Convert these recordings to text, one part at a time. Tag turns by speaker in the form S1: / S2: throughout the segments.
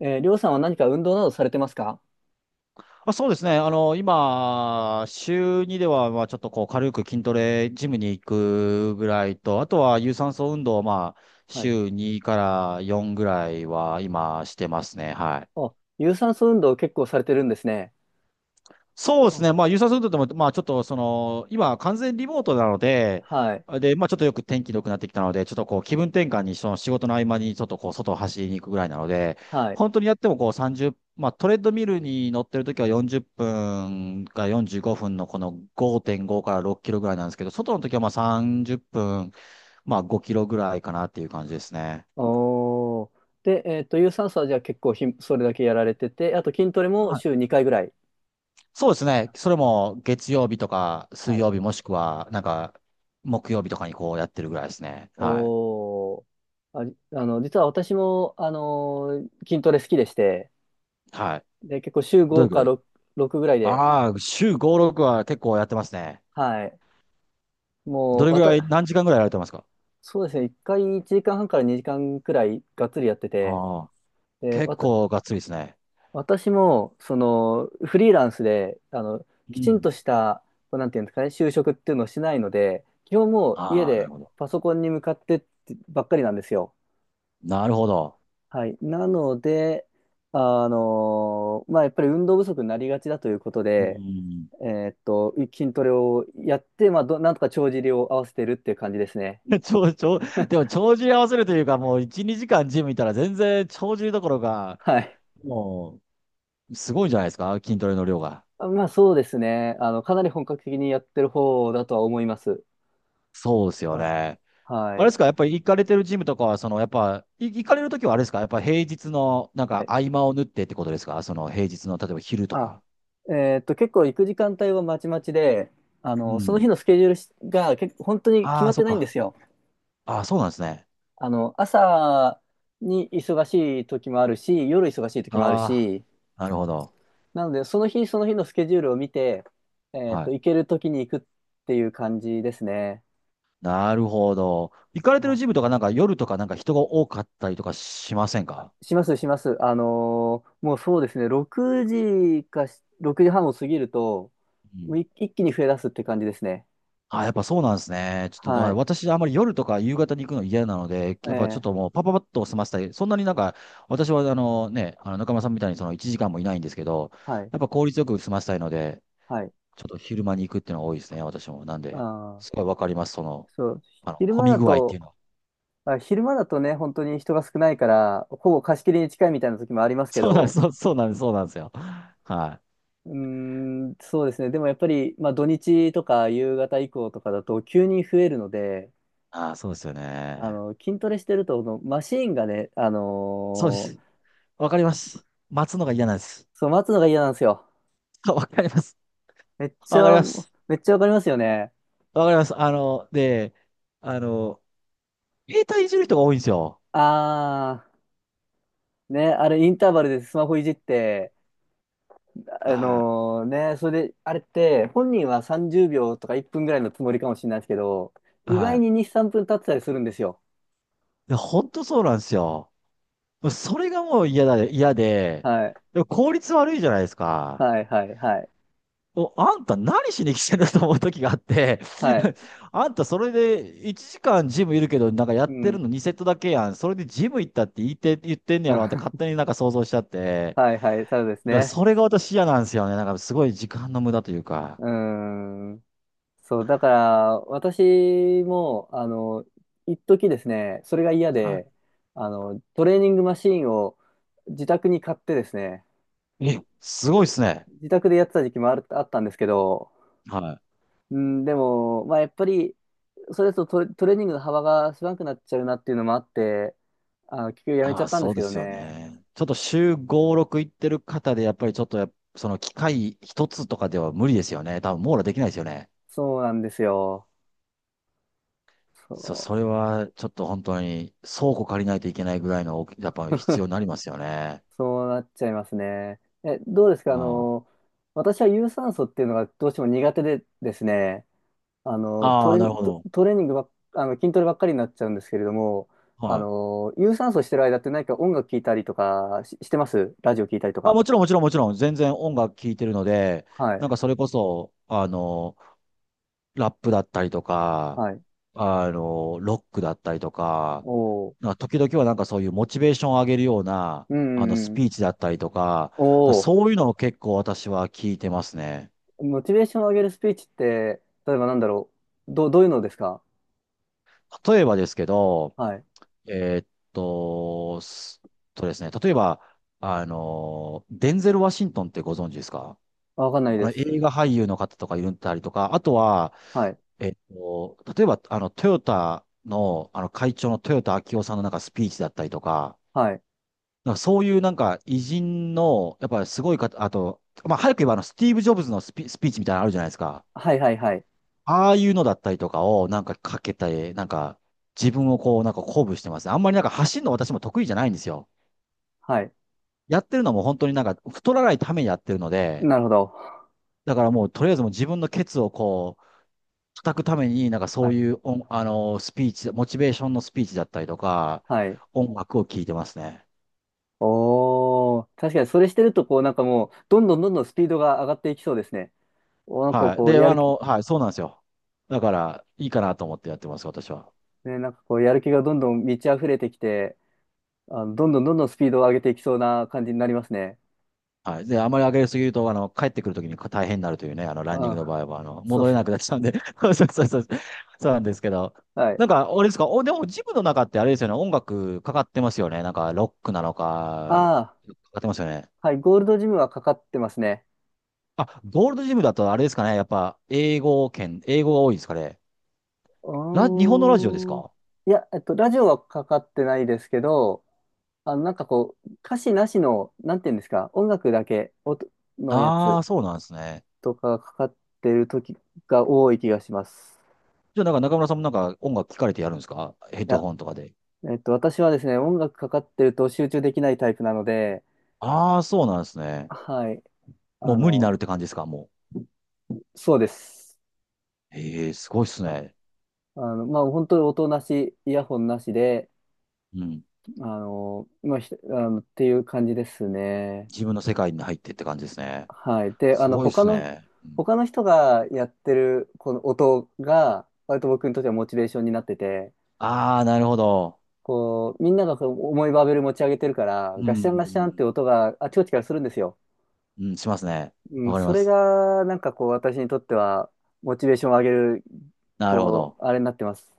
S1: りょうさんは何か運動などされてますか？
S2: あ、そうですね。今、週2では、まあ、ちょっとこう、軽く筋トレ、ジムに行くぐらいと、あとは、有酸素運動を、まあ、
S1: はい。
S2: 週2から4ぐらいは、今、してますね。はい。
S1: あ、有酸素運動を結構されてるんですね。
S2: そうです
S1: あ、
S2: ね。まあ、優先するとでも、まあ、ちょっと、その、今、完全リモートなので、
S1: はい。
S2: で、まあ、ちょっとよく天気良くなってきたので、ちょっとこう、気分転換に、その仕事の合間に、ちょっとこう、外を走りに行くぐらいなので、
S1: はい。
S2: 本当にやってもこう、30、まあ、トレッドミルに乗ってる時は40分から45分のこの5.5から6キロぐらいなんですけど、外の時はまあ30分、まあ5キロぐらいかなっていう感じですね。
S1: おー。で、有酸素はじゃあ結構それだけやられてて、あと筋トレも
S2: はい。
S1: 週2回ぐらい。
S2: そうですね。それも月曜日とか
S1: は
S2: 水
S1: い。
S2: 曜日もしくは、なんか、木曜日とかにこうやってるぐらいですね。はい。
S1: おー。あ、あの、実は私も、筋トレ好きでして、
S2: はい。
S1: で、結構週
S2: どれ
S1: 5
S2: ぐら
S1: か
S2: い。
S1: 6、6ぐらいで、
S2: ああー、週5、6は結構やってますね。
S1: はい。
S2: ど
S1: もう、
S2: れ
S1: わ
S2: ぐらい、
S1: た、
S2: 何時間ぐらいやられてますか？
S1: そうですね、1回1時間半かんはんから2時間くらいがっつりやってて、
S2: ああー、
S1: で、
S2: 結
S1: わた、
S2: 構がっつりですね。
S1: 私も、その、フリーランスで、あの、
S2: う
S1: きちん
S2: ん。
S1: とした、こうなんていうんですかね、就職っていうのをしないので、基本もう家
S2: ああ、なる
S1: で
S2: ほど。
S1: パソコンに向かってってばっかりなんですよ。
S2: なるほど。
S1: はい。なので、あの、まあ、やっぱり運動不足になりがちだということ
S2: う
S1: で、
S2: ん。
S1: 筋トレをやって、まあ、なんとか帳尻を合わせてるっていう感じですね。
S2: ちょ、ちょ、でも、帳尻合わせるというか、もう1、2時間ジムいたら全然帳尻どころか、
S1: はい。
S2: もう、すごいんじゃないですか筋トレの量が。
S1: まあ、そうですね。あの、かなり本格的にやってる方だとは思います。
S2: そうですよ
S1: は
S2: ね。
S1: は
S2: あれで
S1: い。
S2: すか、やっぱり行かれてるジムとかは、その、やっぱ、い行かれるときはあれですか、やっぱ平日の、なん
S1: は
S2: か
S1: い。
S2: 合間を縫ってってことですか、その平日の、例えば昼と
S1: あ、
S2: か。
S1: 結構行く時間帯はまちまちで、あ
S2: う
S1: の、その
S2: ん。
S1: 日のスケジュールが結構本当に決
S2: あ
S1: ま
S2: あ、
S1: っ
S2: そ
S1: て
S2: っ
S1: ないんで
S2: か。
S1: すよ。
S2: ああ、そうなんですね。
S1: あの、朝に忙しい時もあるし、夜忙しい時もある
S2: あ
S1: し、
S2: あ、なるほど。
S1: なので、その日その日のスケジュールを見て、
S2: はい。
S1: 行ける時に行くっていう感じですね。
S2: なるほど。行かれて
S1: は
S2: るジム
S1: い。
S2: とか、なんか夜とか、なんか人が多かったりとかしませんか？
S1: します、します。もうそうですね、6時時半を過ぎると、
S2: う
S1: もう
S2: ん。
S1: 一一気に増え出すって感じですね。
S2: あ、やっぱそうなんですね。ちょっと、だか
S1: は
S2: ら
S1: い。
S2: 私、あんまり夜とか夕方に行くの嫌なので、やっぱちょっ
S1: え
S2: と
S1: え。
S2: もうパパパッと済ませたい。そんなになんか、私はあのね、あの中村さんみたいにその1時間もいないんですけど、
S1: はい。
S2: やっぱ効率よく済ませたいので、
S1: はい。
S2: ちょっと昼間に行くっていうのが多いですね、私も。なんで、
S1: あ、
S2: すごいわかります、その、
S1: そう、
S2: あの、
S1: 昼
S2: 混
S1: 間
S2: み
S1: だ
S2: 具合って
S1: と、
S2: いうのは。
S1: あ、昼間だとね、本当に人が少ないから、ほぼ貸し切りに近いみたいな時もありま すけ
S2: そうなんで
S1: ど、
S2: す、そう、そうなんです、そうなんですよ。はい。
S1: うーん、そうですね。でもやっぱり、まあ土日とか夕方以降とかだと急に増えるので、
S2: ああ、そうですよ
S1: あ
S2: ね。
S1: の、筋トレしてると、そのマシーンがね、
S2: そうです。わかります。待つのが嫌なんです。
S1: そう、待つのが嫌なんですよ。
S2: あ、わかります。
S1: めっち
S2: わかり
S1: ゃ、
S2: ます。
S1: めっちゃわかりますよね。
S2: わかります。あの、で、あの、携帯いじる人が多いんですよ。
S1: あー、ね、あれインターバルでスマホいじって、あ
S2: は
S1: のね、それで、あれって、本人は30秒とか1分ぐらいのつもりかもしれないですけど、
S2: い。
S1: 意
S2: は
S1: 外に
S2: い。
S1: 2、3分経ってたりするんですよ。
S2: で本当そうなんですよ。それがもう嫌だ、嫌で、
S1: はい。
S2: でも効率悪いじゃないですか。
S1: はい、はい、はい。
S2: お、あんた何しに来てんだと思う時があって、
S1: はい。
S2: あんたそれで1時間ジムいるけど、なんかや
S1: う
S2: ってる
S1: ん。
S2: の2セットだけやん。それでジム行ったって言って、言ってんねやろって勝 手になんか想像しちゃって。
S1: はい、はい。ただです
S2: だから
S1: ね。
S2: それが私嫌なんですよね。なんかすごい時間の無駄というか。
S1: うーん。そう、だから、私も、あの、一時ですね、それが嫌で、
S2: は
S1: あの、トレーニングマシーンを自宅に買ってですね、
S2: い。え、すごいっすね。
S1: 自宅でやってた時期もあったんですけど、
S2: はい。
S1: うん、でも、まあ、やっぱり、それだとトレーニングの幅が狭くなっちゃうなっていうのもあって、あの、結局やめち
S2: あ
S1: ゃっ
S2: あ、
S1: たんで
S2: そ
S1: す
S2: う
S1: け
S2: で
S1: ど
S2: すよ
S1: ね。
S2: ね。ちょっと週5、6行ってる方で、やっぱりちょっとやっその機械一つとかでは無理ですよね。多分網羅できないですよね。
S1: そうなんですよ。
S2: それ
S1: そ
S2: はちょっと本当に倉庫借りないといけないぐらいの大き、やっぱ必要になりますよね。
S1: そうなっちゃいますね。え、どうですかあ
S2: あ
S1: の、私は有酸素っていうのがどうしても苦手でですね、あの、
S2: あ、ああなるほど。
S1: トレーニングばっ、あの、筋トレばっかりになっちゃうんですけれども、あ
S2: はい。
S1: の、有酸素してる間って何か音楽聴いたりとかしてます？ラジオ聴いたりと
S2: あ、
S1: か。
S2: もちろんもちろんもちろん、全然音楽聴いてるので、
S1: はい、
S2: なんかそれこそ、あの、ラップだったりとか、
S1: はい。
S2: あの、ロックだったりとか、
S1: おー。
S2: なんか時々はなんかそういうモチベーションを上げるような、
S1: う
S2: あの、ス
S1: んうん。
S2: ピーチだったりとか、
S1: おお、
S2: そういうのを結構私は聞いてますね。
S1: モチベーションを上げるスピーチって、例えばなんだろう。どういうのですか？
S2: 例えばですけど、
S1: はい。
S2: えーっすとですね、例えば、あの、デンゼル・ワシントンってご存知ですか？
S1: あ、わかんない
S2: あ
S1: で
S2: の、
S1: す。
S2: 映画俳優の方とかいるんだりとか、あとは、
S1: はい。
S2: 例えば、あの、トヨタの、あの、会長の豊田章男さんのなんかスピーチだったりとか、
S1: はい。
S2: なんかそういうなんか偉人の、やっぱすごい方、あと、まあ、早く言えばあの、スティーブ・ジョブズのスピーチみたいなのあるじゃないですか。
S1: はいはいはい。
S2: ああいうのだったりとかをなんかかけたり、なんか自分をこうなんか鼓舞してます。あんまりなんか走るの私も得意じゃないんですよ。
S1: はい。
S2: やってるのも本当になんか太らないためにやってるので、
S1: なるほど。
S2: だからもうとりあえずもう自分のケツをこう叩くためになんか
S1: は
S2: そう
S1: い。
S2: いう音あの、スピーチ、モチベーションのスピーチだったりとか、
S1: はい。
S2: 音楽を聴いてますね。
S1: おお、確かにそれしてると、こうなんかもう、どんどんどんどんスピードが上がっていきそうですね。お、なんか
S2: はい。
S1: こう、
S2: で、
S1: や
S2: あ
S1: る気、
S2: の、はい、そうなんですよ。だから、いいかなと思ってやってます、私は。
S1: ね、なんかこう、やる気がどんどん満ち溢れてきて、あの、どんどんどんどんスピードを上げていきそうな感じになりますね。
S2: はい。で、あまり上げすぎると、あの、帰ってくるときに大変になるというね、あの、ランニン
S1: あ
S2: グの
S1: あ、
S2: 場合は、あの、
S1: そう、
S2: 戻れなくなっちゃうんで、そうそうそうそう、そうなんですけど。
S1: はい。
S2: なんか、あれですか、お、でも、ジムの中ってあれですよね、音楽かかってますよね。なんか、ロックなのか、
S1: あ
S2: かかってますよね。
S1: あ、はい。ゴールドジムはかかってますね。
S2: あ、ゴールドジムだとあれですかね、やっぱ、英語圏、英語が多いですかね。日
S1: う
S2: 本のラジオです
S1: ーん。
S2: か？
S1: いや、ラジオはかかってないですけど、あの、なんかこう、歌詞なしの、なんていうんですか、音楽だけのや
S2: ああー、
S1: つ
S2: そうなんですね。
S1: とかがかかってる時が多い気がします。
S2: じゃあ、なんか中村さんもなんか音楽聞かれてやるんですか、ヘッ
S1: い
S2: ド
S1: や、
S2: ホンとかで。
S1: 私はですね、音楽かかってると集中できないタイプなので、
S2: ああ、そうなんですね。
S1: はい、
S2: も
S1: あ
S2: う無にな
S1: の、
S2: るって感じですか、も
S1: そうです。
S2: う。ええ、すごいっす
S1: あ、
S2: ね。
S1: あの、まあ、本当に音なし、イヤホンなしで、
S2: うん。
S1: あの、まあ、ひあの、っていう感じですね。
S2: 自分の世界に入ってって感じですね。
S1: はい。で、
S2: すごいっすね。
S1: 他の人がやってる、この音が、割と僕にとってはモチベーションになってて、
S2: ああー、なるほど。
S1: こう、みんながこう重いバーベル持ち上げてるから、
S2: う
S1: ガシャンガシャンって
S2: ん。
S1: 音があちこちからするんですよ。
S2: うん、しますね。
S1: う
S2: わ
S1: ん、
S2: かり
S1: そ
S2: ま
S1: れ
S2: す。
S1: が、なんかこう、私にとっては、モチベーションを上げる、
S2: なるほ
S1: こ
S2: ど。
S1: う、あれになってます。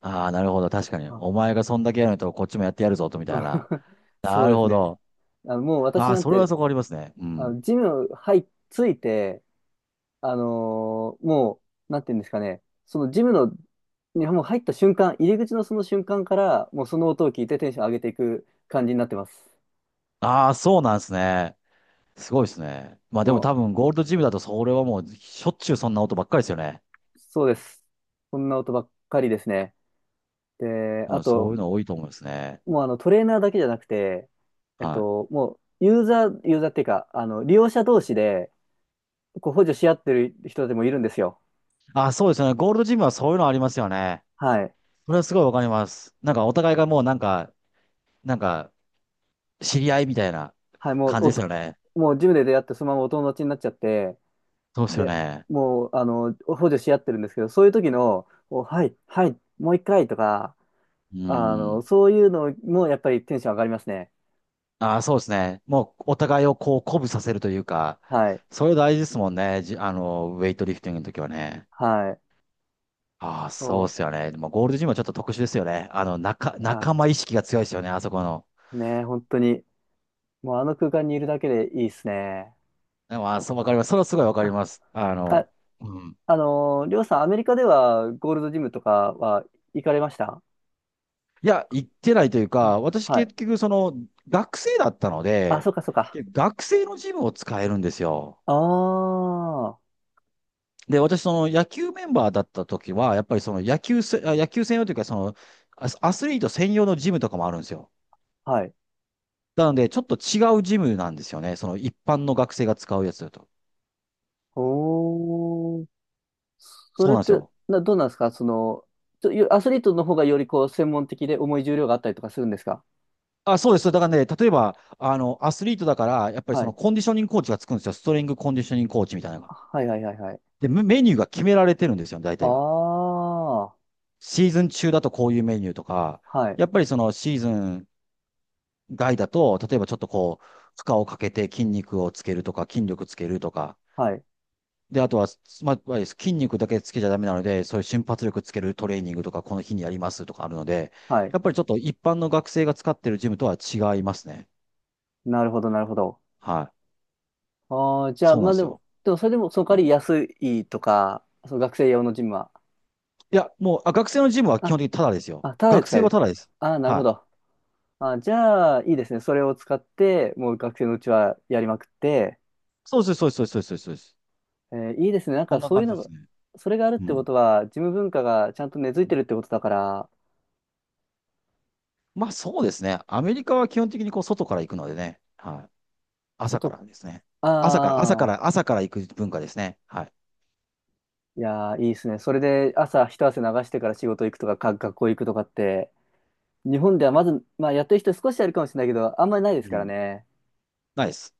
S2: ああ、なるほど。確かに。
S1: あ。
S2: お前がそんだけやると、こっちもやってやるぞ、と、みたいな。な
S1: そう
S2: る
S1: です
S2: ほ
S1: ね。
S2: ど。
S1: あの、もう私
S2: ああ、
S1: なん
S2: それは
S1: て、
S2: そこありますね。う
S1: あ
S2: ん。
S1: の、ジム入っついて、もう、なんていうんですかね、そのジムの、にもう入った瞬間、入り口のその瞬間から、もうその音を聞いてテンション上げていく感じになってます。
S2: ああ、そうなんですね。すごいですね。まあでも多
S1: も
S2: 分、ゴールドジムだと、それはもう、しょっちゅうそんな音ばっかりですよね。
S1: う、そうです。こんな音ばっかりですね。で、
S2: で
S1: あ
S2: も、そういう
S1: と、
S2: の多いと思うんですね。
S1: もうあのトレーナーだけじゃなくて、
S2: はい。
S1: もうユーザーっていうか、あの、利用者同士で、こう補助し合ってる人でもいるんですよ。
S2: あ、そうですよね。ゴールドジムはそういうのありますよね。
S1: はい。
S2: それはすごいわかります。なんかお互いがもうなんか、なんか、知り合いみたいな
S1: はい、
S2: 感じですよね。
S1: もうジムで出会ってそのままお友達になっちゃって、
S2: そうですよ
S1: で、
S2: ね。
S1: もう、あの、補助し合ってるんですけど、そういう時の、お、はい、はい、もう一回とか、
S2: う
S1: あの、
S2: ん。
S1: そういうのもやっぱりテンション上がりますね。
S2: ああ、そうですね。もうお互いをこう鼓舞させるというか、
S1: はい、
S2: それ大事ですもんね。あの、ウェイトリフティングの時はね。
S1: はい。
S2: ああ、
S1: そ
S2: そうですよね。でもゴールドジムはちょっと特殊ですよね。あの、仲、
S1: う、
S2: 仲
S1: あ、
S2: 間意識が強いですよね。あそこの。
S1: ねえ、本当に、もうあの空間にいるだけでいいですね。
S2: でも、あ、そうわかり
S1: あ、
S2: ます。それはすごいわかり
S1: あ、
S2: ます。あの、
S1: あ、
S2: うん。
S1: りょうさん、アメリカではゴールドジムとかは行かれました？
S2: いや、行ってないという
S1: あ、
S2: か、私
S1: はい。
S2: 結局その学生だったの
S1: あ、そ
S2: で、
S1: うか、そうか。
S2: 学生のジムを使えるんですよ。
S1: ああ、
S2: で、私その野球メンバーだった時は、やっぱりその野球専用というか、そのアスアスリート専用のジムとかもあるんですよ。
S1: はい。
S2: なので、ちょっと違うジムなんですよね。その一般の学生が使うやつだと。
S1: おー。そ
S2: そう
S1: れっ
S2: なんです
S1: て、
S2: よ。
S1: どうなんですかその、ちょよアスリートの方がよりこう、専門的で重い重量があったりとかするんですか？
S2: あ、そうです。だからね、例えば、あの、アスリートだから、やっぱり
S1: は
S2: その
S1: い。
S2: コンディショニングコーチがつくんですよ。ストリングコンディショニングコーチみたいなのが。
S1: はいはいはいはい。
S2: で、メメニューが決められてるんですよ、大
S1: あ
S2: 体が。
S1: あ、は
S2: シーズン中だとこういうメニューとか、
S1: い、
S2: やっぱりそのシーズン外だと、例えばちょっとこう、負荷をかけて筋肉をつけるとか、筋力つけるとか、
S1: はい、
S2: で、あとは、まあ、筋肉だけつけちゃダメなので、そういう瞬発力つけるトレーニングとか、この日にやりますとかあるので、
S1: はい。
S2: やっぱりちょっと一般の学生が使ってるジムとは違いますね。
S1: なるほど、なるほど。
S2: はい。
S1: ああ、じゃあ、
S2: そうな
S1: ま
S2: ん
S1: あ
S2: で
S1: で
S2: す
S1: も、
S2: よ。
S1: でもそれでも、その
S2: う
S1: 代わ
S2: ん。
S1: り安いとか、その学生用のジムは。
S2: いや、もう、あ、学生のジムは基本
S1: あ、
S2: 的にタダですよ。
S1: あ、ただで
S2: 学
S1: 使
S2: 生
S1: え
S2: は
S1: る。
S2: タダです。
S1: ああ、なる
S2: は
S1: ほ
S2: い。
S1: ど。あ、じゃあ、いいですね。それを使って、もう学生のうちはやりまくって、
S2: そうです、そうです、そうです、そうです。そうです。
S1: えーいいですね。なん
S2: そ
S1: か
S2: んな
S1: そういう
S2: 感じ
S1: の
S2: です
S1: が、
S2: ね。
S1: それがあるっ
S2: う
S1: てこ
S2: ん。
S1: とは、事務文化がちゃんと根付いてるってことだから、
S2: まあそうですね。アメリカは基本的にこう外から行くのでね。はい。朝か
S1: 外、
S2: らですね。朝から、朝か
S1: ああ、
S2: ら、朝から行く文化ですね。はい。
S1: いやー、いいですね。それで朝一汗流してから仕事行くとか、学校行くとかって、日本ではまず、まあやってる人少しあるかもしれないけど、あんまりないで
S2: う
S1: すから
S2: ん。
S1: ね。
S2: ないです。